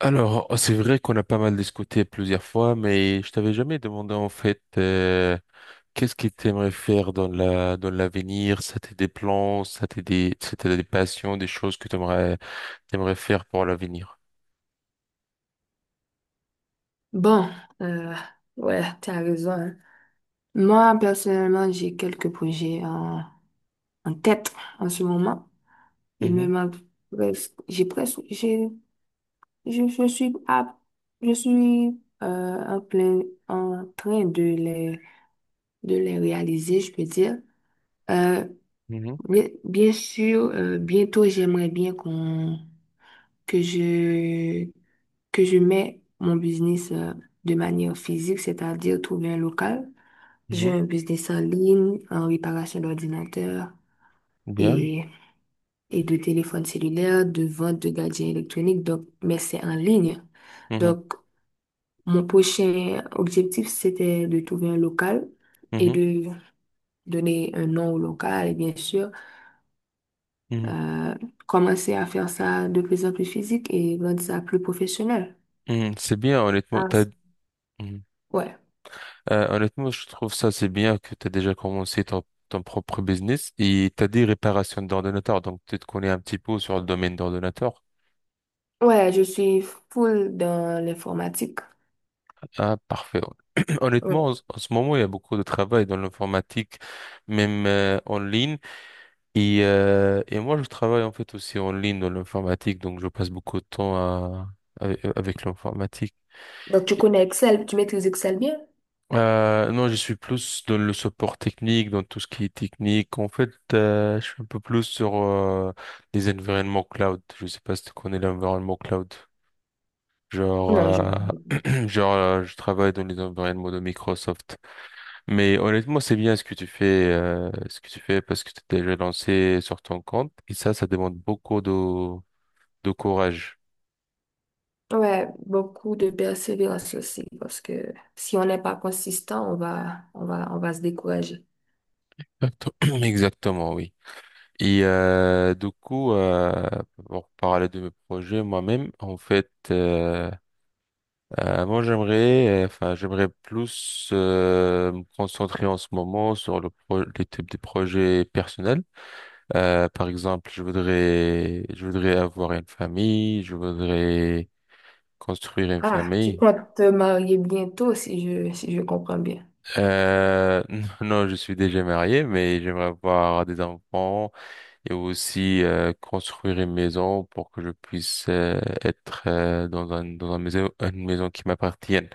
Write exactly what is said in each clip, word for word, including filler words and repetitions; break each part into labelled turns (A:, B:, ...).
A: Alors, c'est vrai qu'on a pas mal discuté plusieurs fois, mais je t'avais jamais demandé en fait euh, qu'est-ce que tu aimerais faire dans la dans l'avenir, ça t'est des plans, ça t'est des ça t'est des passions, des choses que tu aimerais t'aimerais faire pour l'avenir.
B: Bon, euh, ouais, tu as raison, hein. Moi, personnellement, j'ai quelques projets en, en tête en ce moment. Il me
A: Mhm,
B: manque presque, j'ai presque, j'ai, je, je suis à, je suis euh, en plein, en train de les, de les réaliser, je peux dire. Euh,
A: mhm,
B: bien, bien sûr, euh, bientôt, j'aimerais bien qu'on que je, que je mets mon business, euh, de manière physique, c'est-à-dire trouver un local. J'ai
A: mhm.
B: un business en ligne, en réparation d'ordinateurs
A: Bien.
B: et, et de téléphones cellulaires, de vente de gadgets électroniques, donc, mais c'est en ligne.
A: Mhm,
B: Donc, mon prochain objectif, c'était de trouver un local et
A: mhm,
B: de donner un nom au local et bien sûr,
A: mhm,
B: euh, commencer à faire ça de plus en plus physique et rendre ça plus professionnel.
A: mhm. C'est bien, honnêtement.
B: Ah,
A: T'as- mhm.
B: ouais.
A: Euh, honnêtement, je trouve ça c'est bien que tu as déjà commencé ton, ton propre business et tu as dit réparation d'ordinateur, donc tu te connais un petit peu sur le domaine d'ordinateur.
B: Ouais, je suis full dans l'informatique.
A: Ah, parfait. Honnêtement, en
B: Ouais.
A: ce en ce moment, il y a beaucoup de travail dans l'informatique, même euh, en ligne. Et, euh, et moi, je travaille en fait aussi en ligne dans l'informatique, donc je passe beaucoup de temps à, avec, avec l'informatique.
B: Donc, tu connais Excel, tu maîtrises Excel bien?
A: Euh, non, je suis plus dans le support technique, dans tout ce qui est technique. En fait, euh, je suis un peu plus sur euh, les environnements cloud. Je sais pas si tu connais l'environnement cloud. Genre,
B: Non, je...
A: euh, genre, euh, je travaille dans les environnements de Microsoft. Mais honnêtement, c'est bien ce que tu fais, euh, ce que tu fais parce que tu t'es déjà lancé sur ton compte et ça, ça demande beaucoup de, de courage.
B: Ouais, beaucoup de persévérance aussi, parce que si on n'est pas consistant, on va, on va, on va se décourager.
A: Exacto- Exactement, oui. Et euh, du coup, euh, pour parler de mes projets moi-même, en fait, euh, euh, moi j'aimerais, euh, enfin j'aimerais plus euh, me concentrer en ce moment sur le pro les types de projets personnels. Euh, par exemple, je voudrais, je voudrais avoir une famille, je voudrais construire une
B: Ah, tu
A: famille.
B: comptes te marier bientôt, si je, si je comprends bien.
A: Euh, non, je suis déjà marié, mais j'aimerais avoir des enfants et aussi euh, construire une maison pour que je puisse euh, être euh, dans un, dans un maison, une maison qui m'appartienne.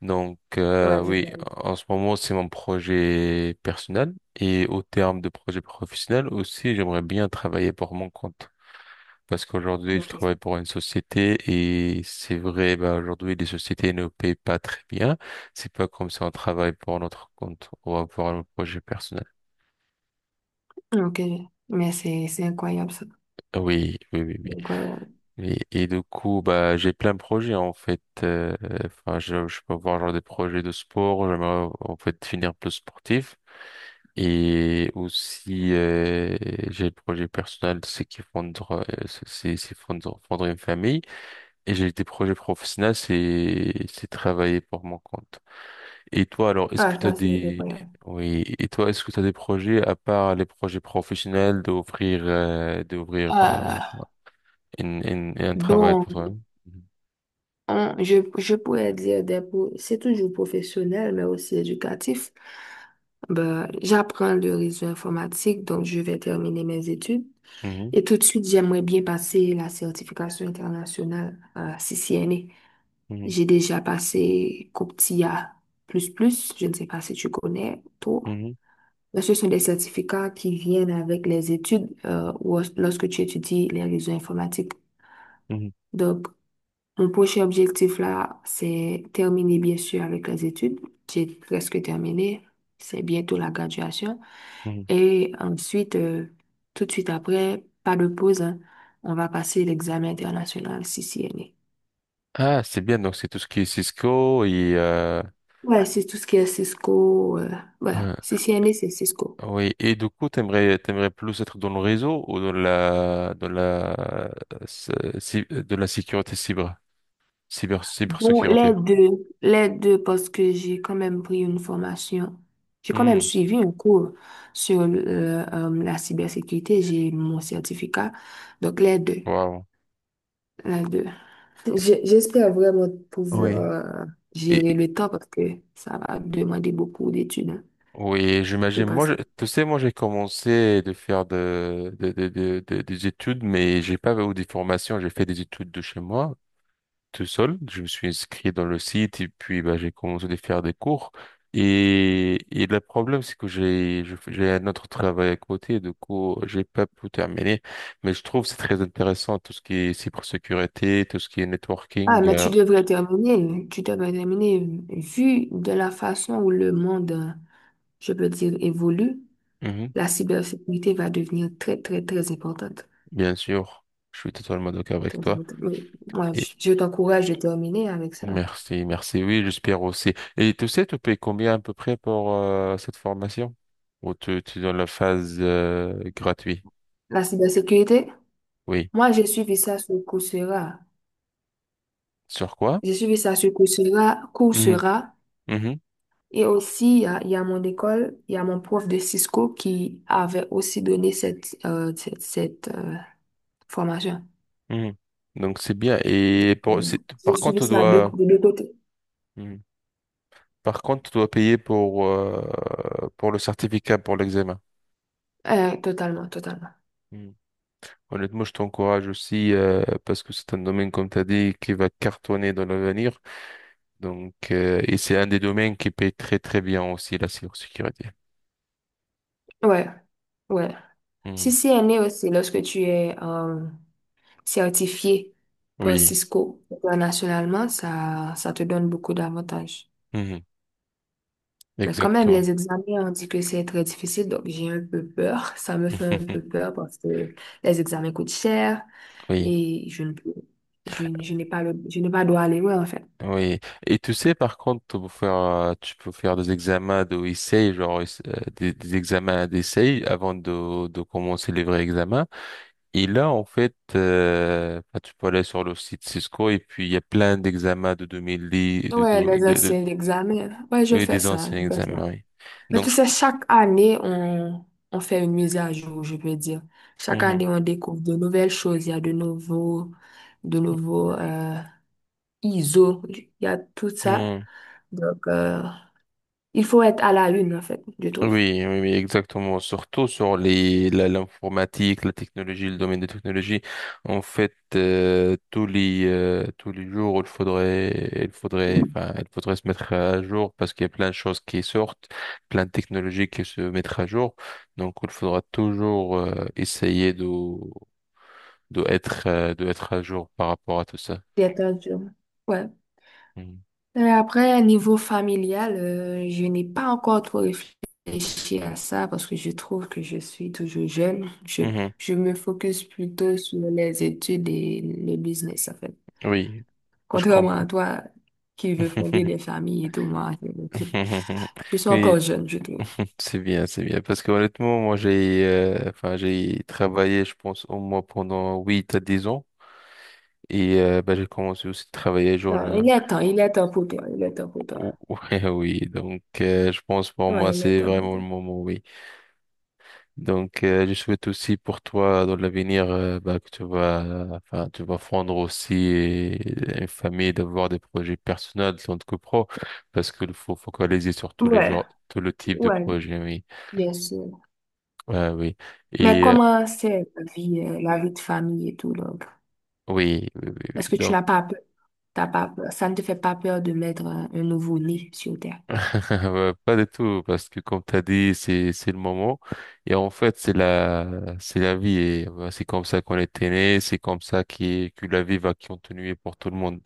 A: Donc euh,
B: Ouais, je
A: oui,
B: vais.
A: en ce moment, c'est mon projet personnel et au terme de projet professionnel aussi, j'aimerais bien travailler pour mon compte. Parce qu'aujourd'hui, je
B: Ok.
A: travaille pour une société et c'est vrai, bah, aujourd'hui, les sociétés ne paient pas très bien. C'est pas comme si on travaille pour notre compte ou pour un projet personnel.
B: Ok, mais c'est, c'est incroyable ça.
A: Ah oui, oui, oui,
B: C'est incroyable.
A: oui. Et, et du coup, bah, j'ai plein de projets, en fait. Euh, enfin, je, je peux avoir genre des projets de sport. J'aimerais, en fait, finir plus sportif. Et aussi, euh, j'ai le projet personnel, c'est qui fondre, euh, c'est c'est fondre, fondre une famille. Et j'ai des projets professionnels, c'est c'est travailler pour mon compte. Et toi, alors, est-ce que
B: Ah,
A: tu as
B: ça, c'est
A: des
B: incroyable.
A: Oui, et toi, est-ce que tu as des projets à part les projets professionnels d'offrir euh, d'ouvrir euh,
B: Ah,
A: une, une- un travail
B: donc.
A: pour toi-même?
B: on- je, je pourrais dire des, pro- c'est toujours professionnel, mais aussi éducatif. Ben, j'apprends le réseau informatique, donc je vais terminer mes études.
A: Mhm,
B: Et tout de suite, j'aimerais bien passer la certification internationale à C C N A.
A: mhm,
B: J'ai déjà passé comptia plus plus, je ne sais pas si tu connais, toi.
A: mhm,
B: Mais ce sont des certificats qui viennent avec les études, euh, ou lorsque tu étudies les réseaux informatiques.
A: mhm,
B: Donc, mon prochain objectif là, c'est terminer bien sûr avec les études. J'ai presque terminé. C'est bientôt la graduation.
A: mhm. Mhm.
B: Et ensuite, euh, tout de suite après, pas de pause, hein, on va passer l'examen international C C N A.
A: Ah, c'est bien. Donc c'est tout ce qui est Cisco et euh,
B: Ouais, c'est tout ce qui est Cisco. Euh, ouais,
A: euh,
B: C C N A, c'est Cisco.
A: oui. Et du coup, t'aimerais t'aimerais plus être dans le réseau ou dans la dans la euh, cy- de la sécurité cyber cyber
B: Bon, les
A: cybersécurité?
B: deux, les deux, parce que j'ai quand même pris une formation. J'ai quand même
A: Hmm.
B: suivi un cours sur euh, euh, la cybersécurité. J'ai mon certificat. Donc, les deux,
A: Waouh.
B: les deux. J'ai- J'espère vraiment
A: Oui.
B: pouvoir
A: Et,
B: gérer le temps, parce que ça va demander beaucoup d'études, hein,
A: oui, j'imagine.
B: pour
A: Moi, je-
B: passer.
A: tu sais, moi, j'ai commencé de faire de, de, de, de- de- des études, mais j'ai pas eu des formations. J'ai fait des études de chez moi, tout seul. Je me suis inscrit dans le site et puis, bah, j'ai commencé de faire des cours. Et, et le problème, c'est que j'ai, je j'ai un autre travail à côté. Du coup, j'ai pas pu terminer. Mais je trouve que c'est très intéressant tout ce qui est cybersécurité, tout ce qui est
B: Ah,
A: networking.
B: mais
A: Euh,
B: tu devrais terminer. Tu devrais terminer. Vu de la façon où le monde, je peux dire, évolue,
A: mhm,
B: la cybersécurité va devenir très, très, très importante.
A: bien sûr, je suis totalement d'accord avec
B: Pour dire-
A: toi.
B: oui. Moi,
A: Et
B: je je t'encourage de terminer avec ça.
A: Merci, merci. Oui, j'espère aussi. Et tu sais, tu payes combien à peu près pour euh, cette formation? Ou tu, tu donnes la phase euh, gratuite?
B: La cybersécurité,
A: Oui.
B: moi, j'ai suivi ça sur Coursera.
A: Sur quoi?
B: J'ai suivi ça sur Coursera,
A: Mhm,
B: Coursera.
A: mhm,
B: Et aussi, il y a, il y a mon école, il y a mon prof de Cisco qui avait aussi donné cette, euh, cette, cette, euh, formation.
A: mhm. Donc c'est bien.
B: Donc,
A: Et pour,
B: euh,
A: c'est-
B: J'ai
A: par
B: suivi
A: contre, tu
B: ça de,
A: dois,
B: de deux côtés.
A: Mhm. Par contre, tu dois payer pour euh, pour le certificat, pour l'examen.
B: Euh, totalement, totalement.
A: Mhm. Honnêtement, je t'encourage aussi euh, parce que c'est un domaine, comme tu as dit, qui va cartonner dans l'avenir. Donc, euh, et c'est un des domaines qui paye très très bien aussi la cybersécurité.
B: Ouais, ouais.
A: Hmm.
B: Si c'est né aussi, lorsque tu es, euh, certifié par
A: Oui.
B: Cisco internationalement, ça, ça te donne beaucoup d'avantages.
A: Mhm.
B: Mais quand même,
A: Exactement.
B: les examens, on dit que c'est très difficile, donc j'ai un peu peur. Ça me fait un peu peur parce que les examens coûtent cher
A: Oui,
B: et je ne peux, je, n- je n'ai pas le, je n'ai pas droit à l'erreur, en fait.
A: oui. Et tu sais, par contre, tu peux faire, euh, tu peux faire des examens d'essai, genre euh, des, des examens d'essai avant de, de commencer les vrais examens. Et là, en fait, euh, bah, tu peux aller sur le site Cisco et puis il y a plein d'examens de deux mille dix, de,
B: Ouais,
A: de,
B: les
A: de, de-
B: anciens examens. Ouais, je
A: oui,
B: fais
A: des
B: ça,
A: anciens
B: je fais ça.
A: examens, oui.
B: Mais tu
A: Donc, je...
B: sais, chaque année, on, on fait une mise à jour, je peux dire. Chaque année, on découvre de nouvelles choses. Il y a de nouveaux, de nouveaux, euh, ISO, il y a tout ça.
A: Mhm.
B: Donc, euh, il faut être à la une, en fait, je trouve.
A: Oui, oui, oui, exactement. Surtout sur les, la- l'informatique, la technologie, le domaine de technologie. En fait, euh, tous les, euh, tous les jours, il faudrait, il faudrait, enfin, il faudrait se mettre à jour parce qu'il y a plein de choses qui sortent, plein de technologies qui se mettent à jour. Donc, il faudra toujours, euh, essayer de, de être, euh, de être à jour par rapport à tout ça.
B: D'être un jeune. Ouais.
A: Mhm.
B: Et après, niveau familial, euh, je n'ai pas encore trop réfléchi à ça parce que je trouve que je suis toujours jeune. Je,
A: Mhm.
B: je me focus plutôt sur les études et le business, en fait.
A: Oui, je
B: Contrairement
A: comprends.
B: à toi qui veux fonder des familles et tout, moi, je, je je suis
A: Oui.
B: encore jeune, je trouve.
A: C'est bien, c'est bien. Parce que honnêtement, moi, j'ai euh, enfin, j'ai travaillé, je pense, au moins pendant huit à dix ans. Et euh, bah, j'ai commencé aussi à travailler jeune.
B: Non, il
A: Hein.
B: est temps, il est temps pour toi, il est temps pour toi.
A: Ou- Ouais, oui. Donc, euh, je pense pour moi,
B: Ouais, il est
A: c'est
B: temps pour
A: vraiment le
B: toi.
A: moment, oui. Donc, euh, je souhaite aussi pour toi, dans l'avenir, euh, bah, que tu vas, euh, enfin, tu vas fondre aussi euh, une famille, d'avoir des projets personnels, tant que pro. Parce qu'il faut focaliser sur tous les
B: Ouais.
A: genres, tout le type de
B: Ouais,
A: projet, oui.
B: bien sûr.
A: Ouais, oui.
B: Mais
A: Et euh,
B: comment c'est la vie, euh, la vie de famille et tout, donc?
A: oui, oui, oui, oui.
B: Est-ce que tu
A: Donc,
B: n'as pas peur? T'as pas peur? Ça ne te fait pas peur de mettre un, un nouveau-né sur terre?
A: euh, pas du tout, parce que comme t'as dit, c'est, c'est le moment. Et en fait, c'est la, c'est la vie. Et euh, c'est comme ça qu'on était né, c'est comme ça qui, que la vie va continuer pour tout le monde.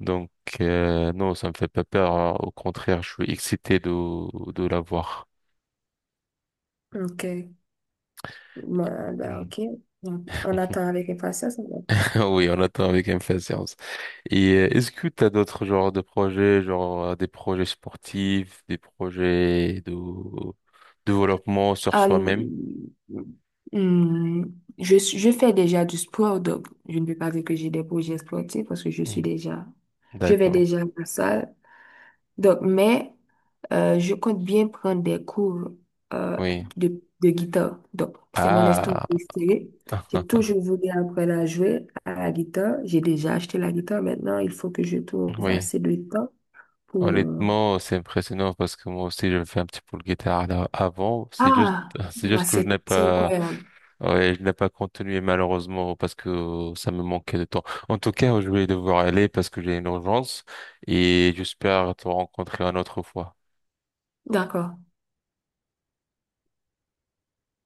A: Donc, euh, non, ça me fait pas peur. Hein. Au contraire, je suis excité de, de la voir.
B: OK. Bon, ben,
A: Mhm.
B: OK. Donc, on attend avec impatience.
A: Oui, on attend avec impatience. Et euh, est-ce que tu as d'autres genres de projets, genre euh, des projets sportifs, des projets de de développement sur
B: Ah,
A: soi-même?
B: hmm, je, suis- je fais déjà du sport, donc je ne peux pas dire que j'ai des projets sportifs parce que je suis
A: Mhm.
B: déjà, je vais
A: D'accord,
B: déjà à la salle. Donc, mais euh, je compte bien prendre des cours, euh,
A: oui.
B: de, de guitare. Donc, c'est mon instrument
A: Ah,
B: préféré. J'ai toujours voulu apprendre à jouer à la guitare. J'ai déjà acheté la guitare. Maintenant, il faut que je trouve
A: oui.
B: assez de temps pour... euh,
A: Honnêtement, c'est impressionnant parce que moi aussi, je fais un petit peu le guitare là, avant. C'est juste,
B: ah,
A: c'est
B: ouais,
A: juste que je n'ai
B: c'est c'est
A: pas,
B: incroyable.
A: ouais, je n'ai pas continué malheureusement parce que ça me manquait de temps. En tout cas, je vais devoir aller parce que j'ai une urgence et j'espère te rencontrer une autre fois.
B: D'accord.